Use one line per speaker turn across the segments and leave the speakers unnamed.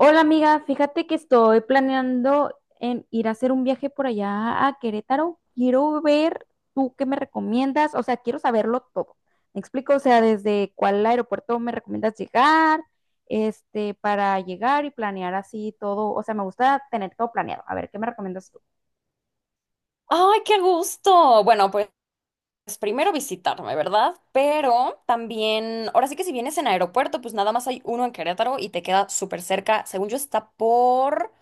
Hola amiga, fíjate que estoy planeando en ir a hacer un viaje por allá a Querétaro. Quiero ver tú qué me recomiendas, o sea, quiero saberlo todo. Me explico, o sea, desde cuál aeropuerto me recomiendas llegar, para llegar y planear así todo. O sea, me gusta tener todo planeado. A ver, ¿qué me recomiendas tú?
¡Ay, qué gusto! Bueno, pues primero visitarme, ¿verdad? Pero también, ahora sí que si vienes en aeropuerto, pues nada más hay uno en Querétaro y te queda súper cerca. Según yo, está por...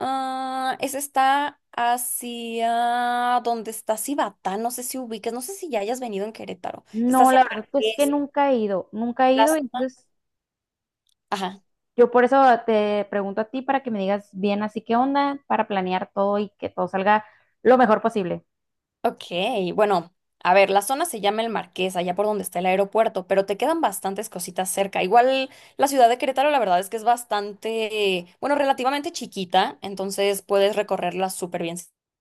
ese está hacia donde está Cibatá, no sé si ubiques, no sé si ya hayas venido en Querétaro. Está
No,
hacia
la
el
verdad, pues que
Marqués,
nunca he ido, nunca he
las...
ido, entonces
Ajá.
yo por eso te pregunto a ti para que me digas bien así qué onda, para planear todo y que todo salga lo mejor posible.
Ok, bueno, a ver, la zona se llama El Marqués, allá por donde está el aeropuerto, pero te quedan bastantes cositas cerca. Igual la ciudad de Querétaro, la verdad es que es bastante, bueno, relativamente chiquita, entonces puedes recorrerla súper bien sin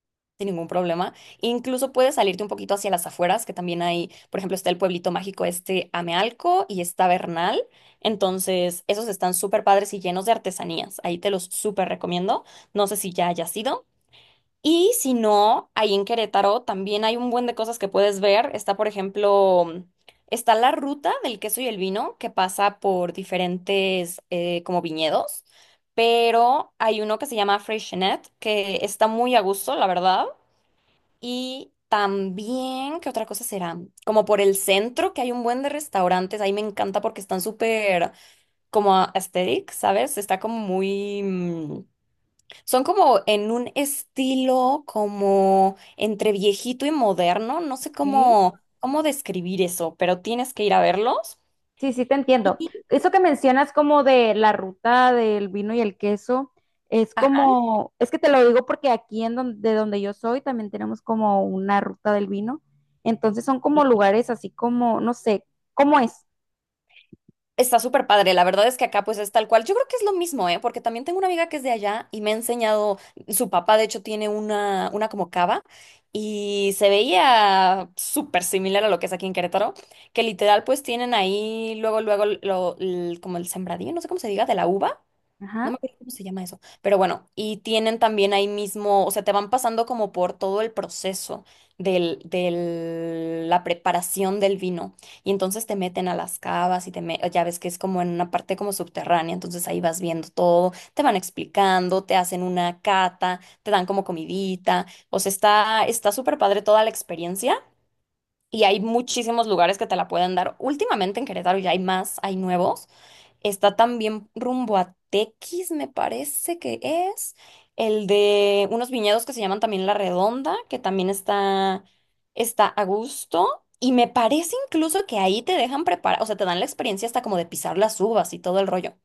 ningún problema. Incluso puedes salirte un poquito hacia las afueras, que también hay, por ejemplo, está el pueblito mágico este Amealco y está Bernal. Entonces, esos están súper padres y llenos de artesanías. Ahí te los súper recomiendo. No sé si ya hayas ido. Y si no, ahí en Querétaro también hay un buen de cosas que puedes ver. Está, por ejemplo, está la ruta del queso y el vino que pasa por diferentes como viñedos, pero hay uno que se llama Freixenet que está muy a gusto, la verdad. Y también, ¿qué otra cosa será? Como por el centro, que hay un buen de restaurantes. Ahí me encanta porque están súper como aesthetic, ¿sabes? Está como muy... son como en un estilo como entre viejito y moderno, no sé
Ok.
cómo, cómo describir eso, pero tienes que ir a verlos.
Sí, sí, te entiendo.
Y,
Eso que mencionas como de la ruta del vino y el queso, es
ajá,
como, es que te lo digo porque aquí en donde, de donde yo soy también tenemos como una ruta del vino. Entonces son como
y
lugares así como, no sé, ¿cómo es?
está súper padre, la verdad es que acá pues es tal cual. Yo creo que es lo mismo, ¿eh? Porque también tengo una amiga que es de allá y me ha enseñado, su papá de hecho tiene una como cava y se veía súper similar a lo que es aquí en Querétaro, que literal pues tienen ahí luego, luego como el sembradío, no sé cómo se diga, de la uva. No
Ajá.
me acuerdo cómo se llama eso. Pero bueno, y tienen también ahí mismo, o sea, te van pasando como por todo el proceso la preparación del vino. Y entonces te meten a las cavas y ya ves que es como en una parte como subterránea, entonces ahí vas viendo todo, te van explicando, te hacen una cata, te dan como comidita. O sea, está súper padre toda la experiencia. Y hay muchísimos lugares que te la pueden dar. Últimamente en Querétaro ya hay más, hay nuevos. Está también rumbo a Tequis, me parece que es. El de unos viñedos que se llaman también La Redonda, que también está a gusto. Y me parece incluso que ahí te dejan preparar, o sea, te dan la experiencia hasta como de pisar las uvas y todo el rollo.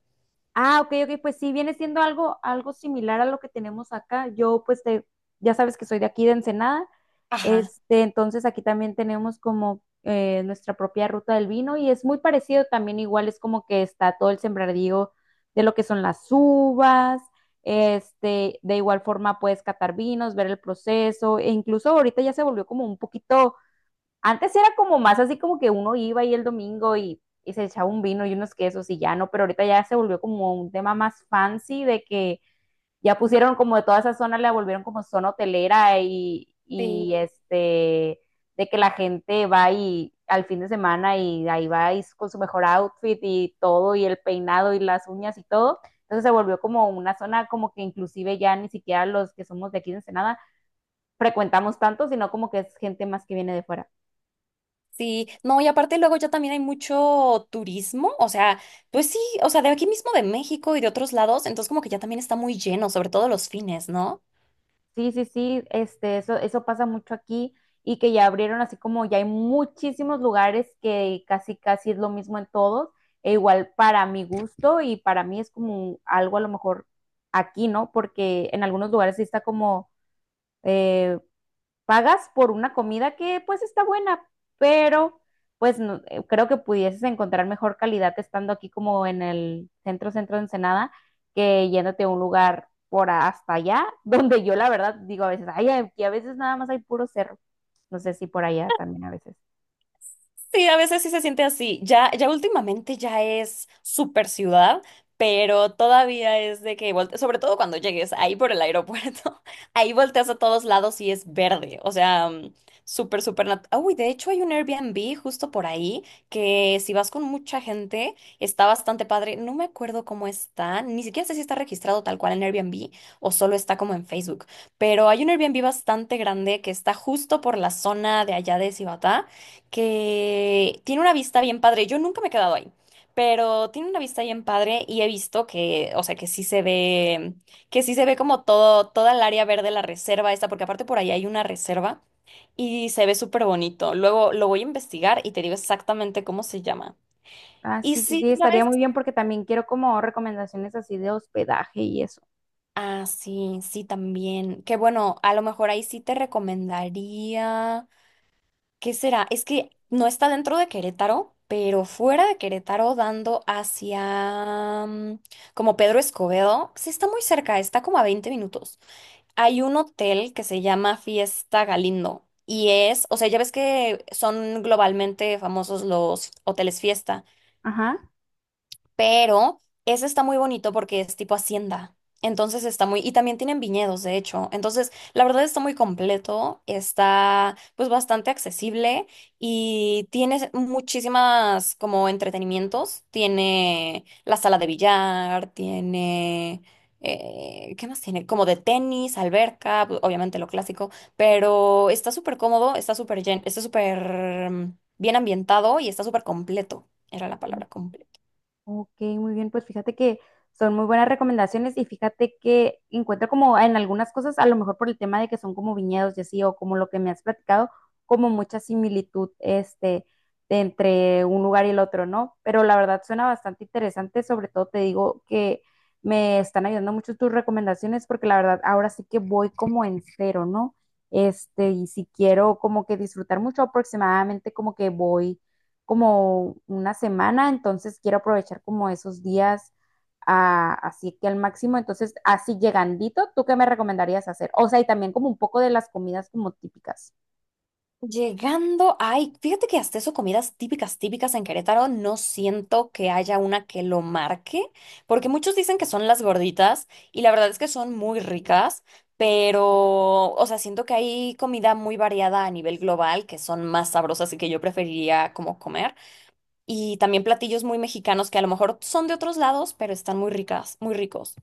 Ah, ok, ok, pues sí, viene siendo algo, algo similar a lo que tenemos acá. Yo, pues, te- ya sabes que soy de aquí de Ensenada,
Ajá,
entonces aquí también tenemos como nuestra propia ruta del vino y es muy parecido también, igual es como que está todo el sembradío de lo que son las uvas, de igual forma puedes catar vinos, ver el proceso, e incluso ahorita ya se volvió como un poquito, antes era como más así como que uno iba ahí el domingo y se echaba un vino y unos quesos y ya no, pero ahorita ya se volvió como un tema más fancy de que ya pusieron como de toda esa zona, la volvieron como zona hotelera y,
sí,
y este, de que la gente va y al fin de semana y ahí va y con su mejor outfit y todo y el peinado y las uñas y todo. Entonces se volvió como una zona como que inclusive ya ni siquiera los que somos de aquí de Ensenada frecuentamos tanto, sino como que es gente más que viene de fuera.
sí. No, y aparte luego ya también hay mucho turismo, o sea, pues sí, o sea, de aquí mismo de México y de otros lados, entonces como que ya también está muy lleno, sobre todo los fines, ¿no?
Sí, sí, sí, eso, eso pasa mucho aquí y que ya abrieron así como ya hay muchísimos lugares que casi, casi es lo mismo en todos, e igual para mi gusto y para mí es como algo a lo mejor aquí, ¿no? Porque en algunos lugares sí está como eh, pagas por una comida que pues está buena, pero pues creo que pudieses encontrar mejor calidad estando aquí como en el centro, centro de Ensenada, que yéndote a un lugar por a- hasta allá, donde yo la verdad digo a veces, ay, aquí a veces nada más hay puro cerro. No sé si por allá también a veces.
Sí, a veces sí se siente así. Ya, ya últimamente ya es super ciudad, pero todavía es de que sobre todo cuando llegues ahí por el aeropuerto, ahí volteas a todos lados y es verde. O sea, súper, Ah, uy, de hecho hay un Airbnb justo por ahí que si vas con mucha gente está bastante padre. No me acuerdo cómo está, ni siquiera sé si está registrado tal cual en Airbnb o solo está como en Facebook, pero hay un Airbnb bastante grande que está justo por la zona de allá de Cibatá que tiene una vista bien padre. Yo nunca me he quedado ahí, pero tiene una vista bien padre y he visto que, o sea, que sí se ve como todo, toda el área verde, la reserva esta, porque aparte por ahí hay una reserva y se ve súper bonito. Luego lo voy a investigar y te digo exactamente cómo se llama.
Ah,
Y
sí, sí,
sí,
sí, estaría
¿sabes?
muy bien porque también quiero como recomendaciones así de hospedaje y eso.
Ah, sí, sí, también. Que bueno, a lo mejor ahí sí te recomendaría. ¿Qué será? Es que no está dentro de Querétaro, pero fuera de Querétaro, dando hacia como Pedro Escobedo. Sí, está muy cerca, está como a 20 minutos. Hay un hotel que se llama Fiesta Galindo. Y es, o sea, ya ves que son globalmente famosos los hoteles fiesta.
Ajá.
Pero ese está muy bonito porque es tipo hacienda. Entonces está muy, y también tienen viñedos, de hecho. Entonces, la verdad está muy completo, está pues bastante accesible y tiene muchísimas como entretenimientos. Tiene la sala de billar, tiene, ¿qué más tiene? Como de tenis, alberca, pues, obviamente lo clásico, pero está súper cómodo, está súper bien ambientado y está súper completo. Era la palabra completa.
Ok, muy bien, pues fíjate que son muy buenas recomendaciones y fíjate que encuentro como en algunas cosas, a lo mejor por el tema de que son como viñedos y así, o como lo que me has platicado, como mucha similitud de entre un lugar y el otro, ¿no? Pero la verdad suena bastante interesante, sobre todo te digo que me están ayudando mucho tus recomendaciones porque la verdad ahora sí que voy como en cero, ¿no? Y si quiero como que disfrutar mucho, aproximadamente como que voy como una semana, entonces quiero aprovechar como esos días así que al máximo, entonces así llegandito, ¿tú qué me recomendarías hacer? O sea, y también como un poco de las comidas como típicas.
Llegando, ay, fíjate que hasta eso comidas típicas, típicas en Querétaro, no siento que haya una que lo marque, porque muchos dicen que son las gorditas y la verdad es que son muy ricas, pero, o sea, siento que hay comida muy variada a nivel global que son más sabrosas y que yo preferiría como comer, y también platillos muy mexicanos que a lo mejor son de otros lados, pero están muy ricas, muy ricos.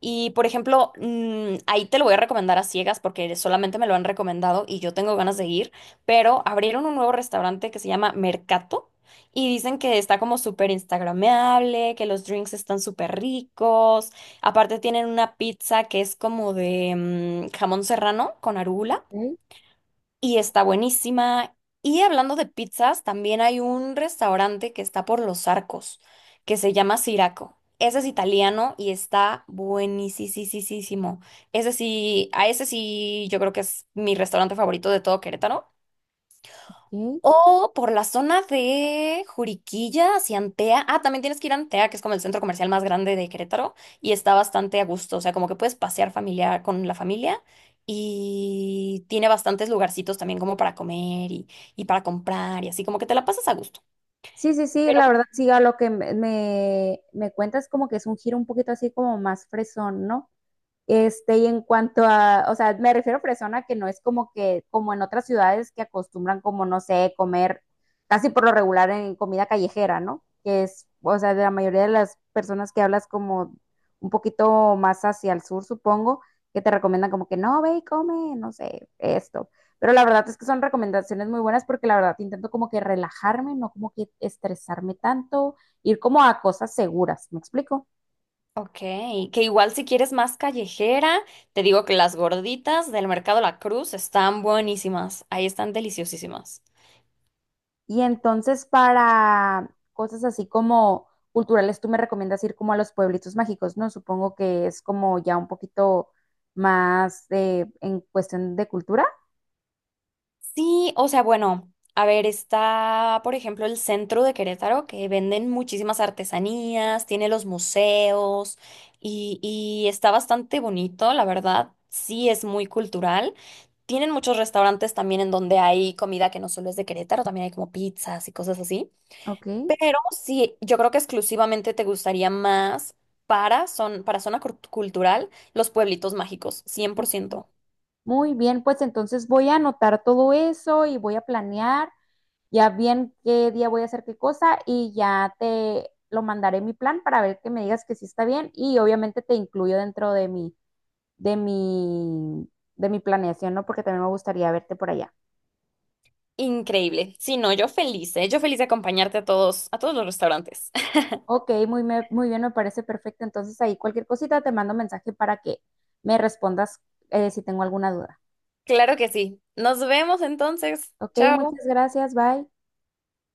Y por ejemplo, ahí te lo voy a recomendar a ciegas porque solamente me lo han recomendado y yo tengo ganas de ir, pero abrieron un nuevo restaurante que se llama Mercato y dicen que está como súper instagrameable, que los drinks están súper ricos. Aparte tienen una pizza que es como de jamón serrano con arugula
Ok,
y está buenísima. Y hablando de pizzas, también hay un restaurante que está por Los Arcos, que se llama Siraco. Ese es italiano y está buenísimo. Ese sí, a ese sí, yo creo que es mi restaurante favorito de todo Querétaro.
ok.
O por la zona de Juriquilla hacia Antea. Ah, también tienes que ir a Antea, que es como el centro comercial más grande de Querétaro, y está bastante a gusto. O sea, como que puedes pasear familiar con la familia y tiene bastantes lugarcitos también como para comer y para comprar y así, como que te la pasas a gusto.
Sí, sí, sí,
Pero,
la verdad, sí, a lo que me, me cuentas como que es un giro un poquito así como más fresón, ¿no? Y en cuanto a, o sea, me refiero a Fresona que no es como que, como en otras ciudades que acostumbran como, no sé, comer casi por lo regular en comida callejera, ¿no? Que es, o sea, de la mayoría de las personas que hablas como un poquito más hacia el sur, supongo, que te recomiendan como que no, ve y come, no sé, esto. Pero la verdad es que son recomendaciones muy buenas porque la verdad intento como que relajarme, no como que estresarme tanto, ir como a cosas seguras, ¿me explico?
ok, que igual si quieres más callejera, te digo que las gorditas del Mercado La Cruz están buenísimas. Ahí están deliciosísimas.
Y entonces para cosas así como culturales, tú me recomiendas ir como a los pueblitos mágicos, ¿no? Supongo que es como ya un poquito más de, en cuestión de cultura.
Sí, o sea, bueno, a ver, está, por ejemplo, el centro de Querétaro, que venden muchísimas artesanías, tiene los museos y está bastante bonito, la verdad, sí es muy cultural. Tienen muchos restaurantes también en donde hay comida que no solo es de Querétaro, también hay como pizzas y cosas así.
Ok.
Pero sí, yo creo que exclusivamente te gustaría más para, son, para zona cultural los pueblitos mágicos, 100%.
Muy bien, pues entonces voy a anotar todo eso y voy a planear ya bien qué día voy a hacer qué cosa y ya te lo mandaré mi plan para ver que me digas que sí está bien y obviamente te incluyo dentro de mi, de mi, de mi planeación, ¿no? Porque también me gustaría verte por allá.
Increíble. Sí, no, yo feliz, ¿eh? Yo feliz de acompañarte a todos los restaurantes.
Ok, muy, muy bien, me parece perfecto. Entonces ahí cualquier cosita te mando mensaje para que me respondas si tengo alguna duda.
Claro que sí. Nos vemos entonces.
Ok,
Chao.
muchas gracias, bye.